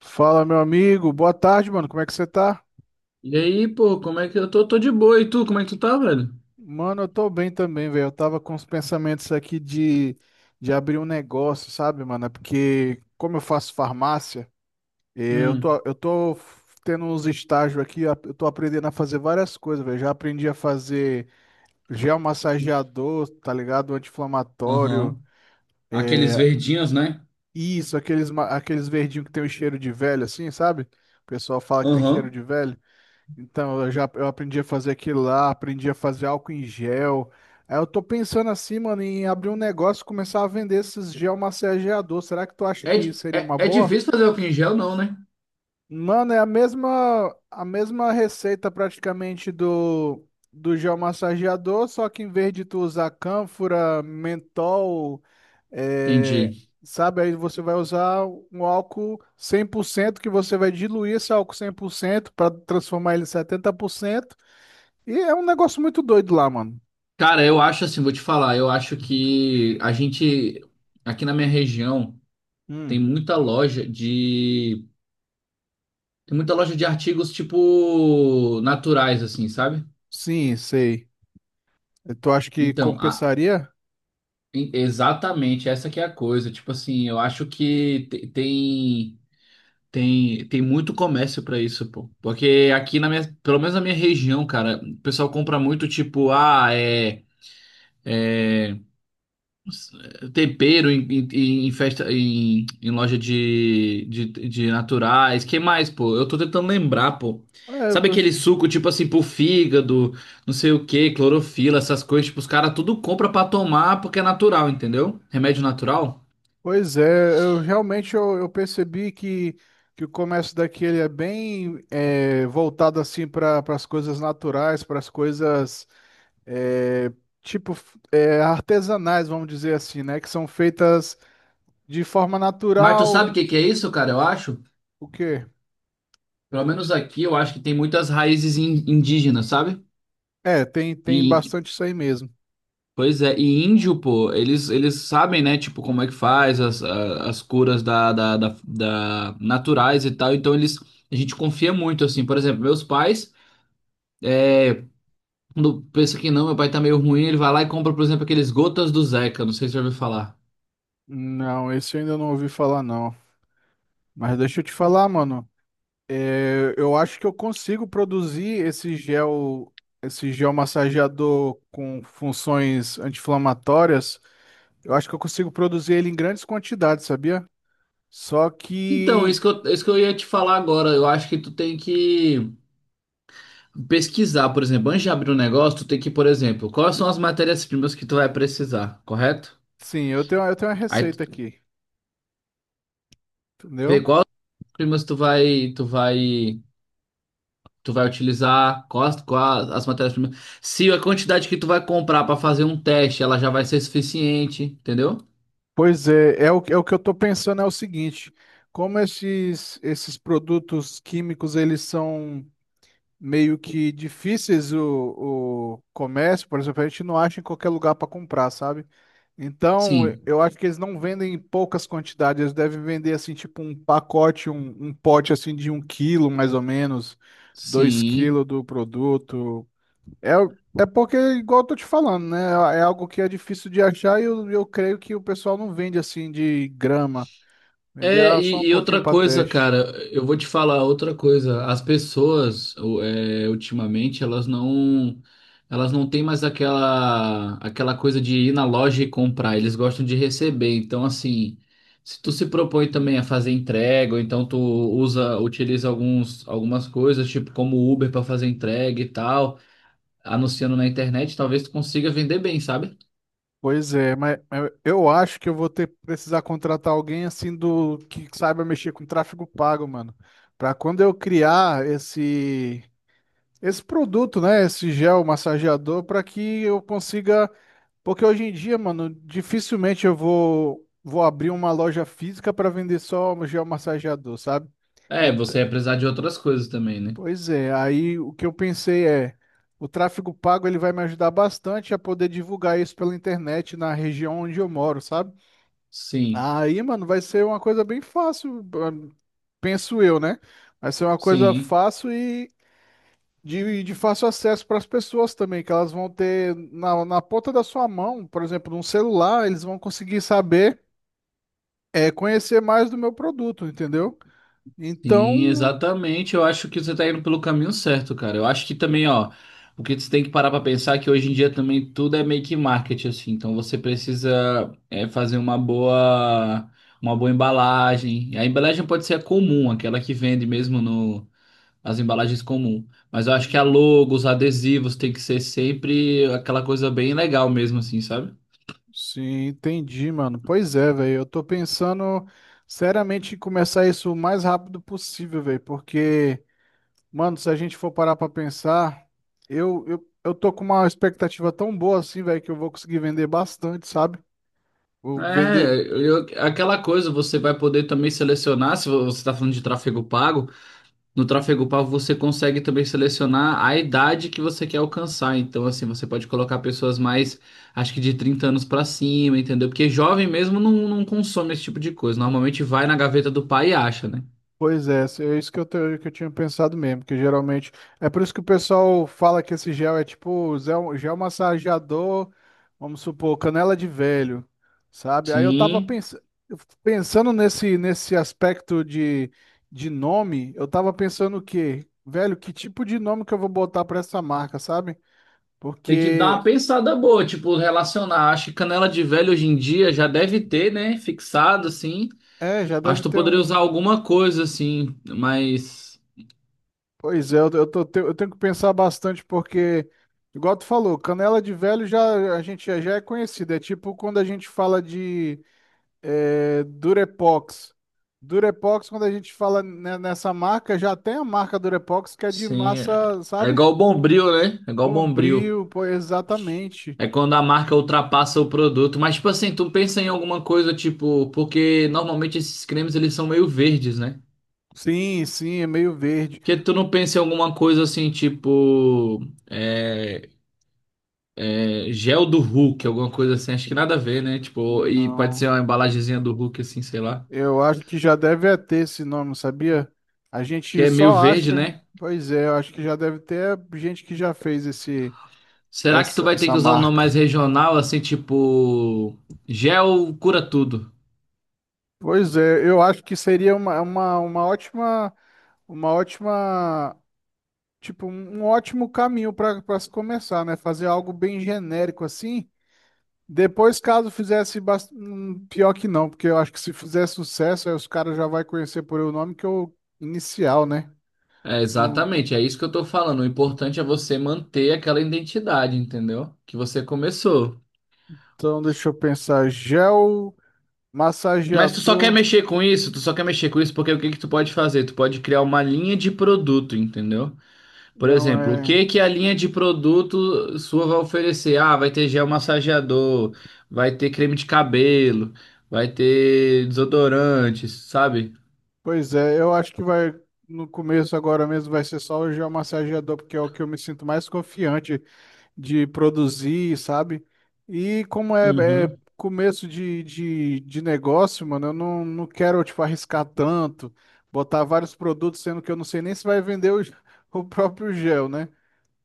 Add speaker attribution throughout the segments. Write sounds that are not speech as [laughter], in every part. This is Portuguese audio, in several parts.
Speaker 1: Fala, meu amigo. Boa tarde, mano. Como é que você tá?
Speaker 2: E aí, pô, como é que eu tô? Tô de boa. E tu, como é que tu tá, velho?
Speaker 1: Mano, eu tô bem também, velho. Eu tava com os pensamentos aqui de abrir um negócio, sabe, mano? É porque, como eu faço farmácia, eu tô,
Speaker 2: Hum.
Speaker 1: eu tô tendo uns estágios aqui, eu tô aprendendo a fazer várias coisas, velho. Já aprendi a fazer gel massageador, tá ligado? Anti-inflamatório.
Speaker 2: Aham. Aqueles
Speaker 1: É,
Speaker 2: verdinhos, né?
Speaker 1: isso, aqueles verdinhos que tem o cheiro de velho, assim, sabe? O pessoal fala que tem cheiro
Speaker 2: Aham.
Speaker 1: de velho. Então, eu aprendi a fazer aquilo lá, aprendi a fazer álcool em gel. Aí eu tô pensando assim, mano, em abrir um negócio e começar a vender esses gel massageador. Será que tu acha
Speaker 2: É,
Speaker 1: que seria uma
Speaker 2: é
Speaker 1: boa?
Speaker 2: difícil fazer álcool em gel, não, né?
Speaker 1: Mano, é a mesma receita praticamente do gel massageador, só que em vez de tu usar cânfora, mentol, é,
Speaker 2: Entendi.
Speaker 1: sabe, aí você vai usar um álcool 100% que você vai diluir esse álcool 100% para transformar ele em 70%. E é um negócio muito doido lá, mano.
Speaker 2: Cara, eu acho assim, vou te falar, eu acho que a gente, aqui na minha região, tem
Speaker 1: Hum,
Speaker 2: muita loja de. Tem muita loja de artigos, tipo, naturais, assim, sabe?
Speaker 1: sim, sei. Tu acha que
Speaker 2: Então,
Speaker 1: compensaria?
Speaker 2: exatamente, essa que é a coisa. Tipo assim, eu acho que tem. Tem muito comércio pra isso, pô. Porque aqui na minha, pelo menos na minha região, cara, o pessoal compra muito tipo, ah, é tempero em, em festa em, em loja de, de naturais. Que mais, pô? Eu tô tentando lembrar, pô.
Speaker 1: É, eu
Speaker 2: Sabe
Speaker 1: pens-
Speaker 2: aquele suco tipo assim pro fígado, não sei o que clorofila, essas coisas, tipo, os caras tudo compra pra tomar porque é natural, entendeu? Remédio natural.
Speaker 1: Pois é, eu realmente eu percebi que o comércio daqui ele é bem é, voltado assim para as coisas naturais, para as coisas é, artesanais, vamos dizer assim, né? Que são feitas de forma
Speaker 2: Mas tu sabe o
Speaker 1: natural.
Speaker 2: que que é isso, cara? Eu acho.
Speaker 1: O quê?
Speaker 2: Pelo menos aqui, eu acho que tem muitas raízes indígenas, sabe?
Speaker 1: É, tem, tem
Speaker 2: E,
Speaker 1: bastante isso aí mesmo.
Speaker 2: pois é, e índio, pô, eles sabem, né, tipo, como é que faz as, as curas da, naturais e tal, então eles, a gente confia muito, assim, por exemplo, meus pais, quando pensa que não, meu pai tá meio ruim, ele vai lá e compra, por exemplo, aqueles gotas do Zeca, não sei se você já ouviu falar.
Speaker 1: Não, esse eu ainda não ouvi falar, não. Mas deixa eu te falar, mano. Eu acho que eu consigo produzir esse gel massageador com funções anti-inflamatórias. Eu acho que eu consigo produzir ele em grandes quantidades, sabia? Só
Speaker 2: Então,
Speaker 1: que,
Speaker 2: isso que eu ia te falar agora, eu acho que tu tem que pesquisar, por exemplo, antes de abrir um negócio, tu tem que, por exemplo, quais são as matérias-primas que tu vai precisar, correto?
Speaker 1: sim, eu tenho uma
Speaker 2: Aí tu
Speaker 1: receita aqui,
Speaker 2: vê
Speaker 1: entendeu?
Speaker 2: qual primas tu vai, tu vai utilizar, quais, quais as matérias-primas. Se a quantidade que tu vai comprar para fazer um teste, ela já vai ser suficiente, entendeu?
Speaker 1: Pois é, é é o que eu estou pensando é o seguinte, como esses produtos químicos, eles são meio que difíceis o comércio, por exemplo, a gente não acha em qualquer lugar para comprar, sabe? Então,
Speaker 2: Sim,
Speaker 1: eu acho que eles não vendem em poucas quantidades, eles devem vender assim, tipo um pacote, um pote assim de um quilo, mais ou menos, dois
Speaker 2: sim.
Speaker 1: quilos do produto. É, é porque, igual eu tô te falando, né? É algo que é difícil de achar e eu creio que o pessoal não vende assim de grama. Vender,
Speaker 2: É,
Speaker 1: ah, só um
Speaker 2: e
Speaker 1: pouquinho
Speaker 2: outra
Speaker 1: para
Speaker 2: coisa,
Speaker 1: teste.
Speaker 2: cara, eu vou te falar outra coisa. As pessoas, é, ultimamente, elas não têm mais aquela, aquela coisa de ir na loja e comprar. Eles gostam de receber. Então, assim, se tu se propõe também a fazer entrega, ou então tu usa, utiliza alguns, algumas coisas, tipo como Uber para fazer entrega e tal, anunciando na internet, talvez tu consiga vender bem, sabe?
Speaker 1: Pois é, mas eu acho que eu vou ter precisar contratar alguém assim do que saiba mexer com tráfego pago, mano, para quando eu criar esse produto, né, esse gel massageador para que eu consiga, porque hoje em dia, mano, dificilmente eu vou abrir uma loja física para vender só o gel massageador, sabe?
Speaker 2: É,
Speaker 1: Ent-
Speaker 2: você ia precisar de outras coisas também, né?
Speaker 1: Pois é, aí o que eu pensei é: o tráfego pago ele vai me ajudar bastante a poder divulgar isso pela internet na região onde eu moro, sabe?
Speaker 2: Sim,
Speaker 1: Aí, mano, vai ser uma coisa bem fácil, ah, penso eu, né? Vai ser uma coisa
Speaker 2: sim.
Speaker 1: fácil e de fácil acesso para as pessoas também, que elas vão ter na ponta da sua mão, por exemplo, num celular, eles vão conseguir saber, é, conhecer mais do meu produto, entendeu?
Speaker 2: Sim,
Speaker 1: Então,
Speaker 2: exatamente. Eu acho que você está indo pelo caminho certo, cara. Eu acho que também, ó, o que você tem que parar para pensar é que hoje em dia também tudo é meio que marketing, assim. Então você precisa é, fazer uma boa embalagem. A embalagem pode ser a comum, aquela que vende mesmo no, as embalagens comum. Mas eu acho que a
Speaker 1: uhum.
Speaker 2: logo, os adesivos tem que ser sempre aquela coisa bem legal mesmo, assim, sabe?
Speaker 1: Sim, entendi, mano. Pois é, velho. Eu tô pensando seriamente em começar isso o mais rápido possível, velho. Porque, mano, se a gente for parar pra pensar, eu tô com uma expectativa tão boa assim, velho, que eu vou conseguir vender bastante, sabe? Vou
Speaker 2: É,
Speaker 1: vender.
Speaker 2: aquela coisa você vai poder também selecionar, se você está falando de tráfego pago. No tráfego
Speaker 1: Uhum.
Speaker 2: pago, você consegue também selecionar a idade que você quer alcançar. Então, assim, você pode colocar pessoas mais, acho que de 30 anos pra cima, entendeu? Porque jovem mesmo não, não consome esse tipo de coisa. Normalmente vai na gaveta do pai e acha, né?
Speaker 1: Pois é, é isso que eu, que eu tinha pensado mesmo, que geralmente. É por isso que o pessoal fala que esse gel é tipo gel massageador, vamos supor, canela de velho, sabe? Aí eu tava
Speaker 2: Sim.
Speaker 1: pensando, pensando nesse aspecto de nome, eu tava pensando o quê? Velho, que tipo de nome que eu vou botar pra essa marca, sabe?
Speaker 2: Tem que dar uma
Speaker 1: Porque,
Speaker 2: pensada boa, tipo, relacionar. Acho que canela de velho hoje em dia já deve ter, né? Fixado, assim.
Speaker 1: é, já
Speaker 2: Acho
Speaker 1: deve
Speaker 2: que tu
Speaker 1: ter
Speaker 2: poderia usar
Speaker 1: um.
Speaker 2: alguma coisa, assim, mas.
Speaker 1: Pois é, eu tenho que pensar bastante porque, igual tu falou, canela de velho já a gente já já é conhecida. É tipo quando a gente fala de eh, Durepox. Durepox, quando a gente fala nessa marca, já tem a marca Durepox que é de
Speaker 2: Sim.
Speaker 1: massa,
Speaker 2: É
Speaker 1: sabe?
Speaker 2: igual o Bombril, né? É igual o Bombril.
Speaker 1: Bombril, pô, exatamente.
Speaker 2: É quando a marca ultrapassa o produto. Mas, tipo assim, tu pensa em alguma coisa, tipo, porque normalmente esses cremes eles são meio verdes, né?
Speaker 1: Sim, sim, é meio verde.
Speaker 2: Porque tu não pensa em alguma coisa assim, tipo, é, é, gel do Hulk, alguma coisa assim, acho que nada a ver, né? Tipo, e pode
Speaker 1: Não,
Speaker 2: ser uma embalagenzinha do Hulk, assim, sei lá.
Speaker 1: eu acho que já deve é ter esse nome, sabia? A
Speaker 2: Que
Speaker 1: gente
Speaker 2: é meio
Speaker 1: só
Speaker 2: verde,
Speaker 1: acha.
Speaker 2: né?
Speaker 1: Pois é, eu acho que já deve ter gente que já fez esse.
Speaker 2: Será que tu
Speaker 1: essa,
Speaker 2: vai ter
Speaker 1: essa
Speaker 2: que usar um nome
Speaker 1: marca.
Speaker 2: mais regional, assim, tipo, gel cura tudo?
Speaker 1: Pois é, eu acho que seria uma, uma ótima, tipo, um ótimo caminho para se começar, né? Fazer algo bem genérico assim. Depois, caso fizesse pior que não, porque eu acho que se fizer sucesso, aí os caras já vai conhecer por o nome que eu inicial, né?
Speaker 2: É,
Speaker 1: Não-
Speaker 2: exatamente, é isso que eu tô falando. O importante é você manter aquela identidade, entendeu? Que você começou.
Speaker 1: Então, deixa eu pensar. Gel massageador,
Speaker 2: Tu só quer mexer com isso porque o que que tu pode fazer? Tu pode criar uma linha de produto, entendeu? Por
Speaker 1: não
Speaker 2: exemplo, o
Speaker 1: é.
Speaker 2: que que a linha de produto sua vai oferecer? Ah, vai ter gel massageador, vai ter creme de cabelo, vai ter desodorantes, sabe?
Speaker 1: Pois é, eu acho que vai no começo agora mesmo vai ser só o geomassageador, porque é o que eu me sinto mais confiante de produzir, sabe? E como é, é
Speaker 2: Uhum.
Speaker 1: começo de negócio, mano, eu não quero, tipo, arriscar tanto, botar vários produtos, sendo que eu não sei nem se vai vender [laughs] o próprio gel, né?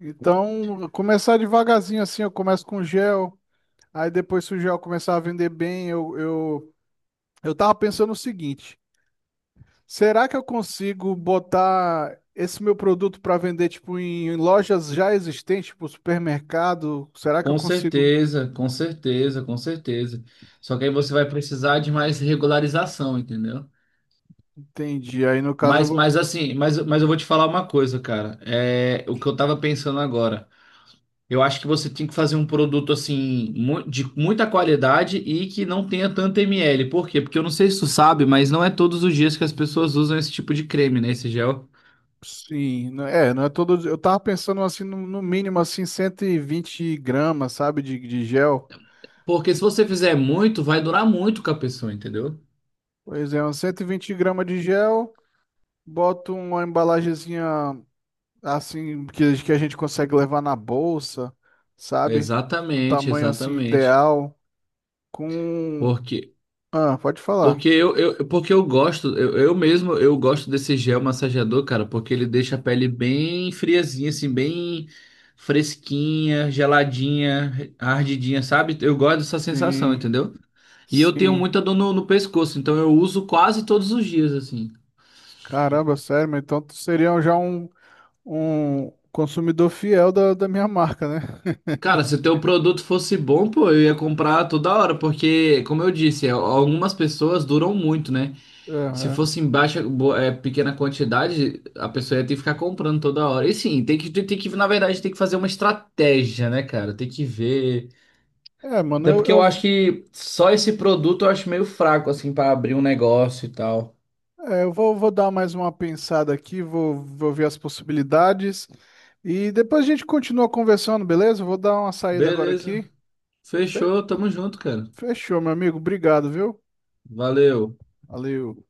Speaker 1: Então, começar devagarzinho assim, eu começo com gel, aí depois se o gel começar a vender bem, eu tava pensando o seguinte. Será que eu consigo botar esse meu produto para vender tipo em, em lojas já existentes, tipo supermercado? Será que eu consigo?
Speaker 2: Com certeza. Só que aí você vai precisar de mais regularização, entendeu?
Speaker 1: Entendi. Aí no caso eu vou
Speaker 2: Mas eu vou te falar uma coisa, cara. É o que eu tava pensando agora. Eu acho que você tem que fazer um produto assim de muita qualidade e que não tenha tanto ml. Por quê? Porque eu não sei se tu sabe, mas não é todos os dias que as pessoas usam esse tipo de creme, né? Esse gel.
Speaker 1: sim, é, não é todo, eu tava pensando assim no mínimo assim 120 gramas, sabe, de gel.
Speaker 2: Porque se você fizer muito, vai durar muito com a pessoa, entendeu?
Speaker 1: Pois é, uns 120 gramas de gel, boto uma embalagenzinha assim que a gente consegue levar na bolsa, sabe? Do
Speaker 2: Exatamente,
Speaker 1: tamanho assim
Speaker 2: exatamente.
Speaker 1: ideal com...
Speaker 2: Porque
Speaker 1: Ah, pode falar.
Speaker 2: Porque eu gosto, eu mesmo, eu gosto desse gel massageador, cara, porque ele deixa a pele bem friazinha, assim, bem fresquinha, geladinha, ardidinha, sabe? Eu gosto dessa sensação,
Speaker 1: Sim,
Speaker 2: entendeu? E eu tenho
Speaker 1: sim.
Speaker 2: muita dor no, no pescoço, então eu uso quase todos os dias, assim.
Speaker 1: Caramba, sério, mas então tu seria um, já um, um consumidor fiel da minha marca, né?
Speaker 2: Cara, se o teu produto fosse bom, pô, eu ia comprar toda hora, porque, como eu disse, é, algumas pessoas duram muito, né? Se
Speaker 1: Aham.
Speaker 2: fosse em baixa, é, pequena quantidade, a pessoa ia ter que ficar comprando toda hora. E sim, na verdade, tem que fazer uma estratégia, né, cara? Tem que ver.
Speaker 1: É, é, mano,
Speaker 2: Até porque eu acho que só esse produto eu acho meio fraco, assim, pra abrir um negócio e tal.
Speaker 1: eu vou, vou dar mais uma pensada aqui, vou, vou ver as possibilidades e depois a gente continua conversando, beleza? Eu vou dar uma saída agora
Speaker 2: Beleza.
Speaker 1: aqui. Fe-
Speaker 2: Fechou, tamo junto, cara.
Speaker 1: Fechou, meu amigo. Obrigado, viu?
Speaker 2: Valeu.
Speaker 1: Valeu.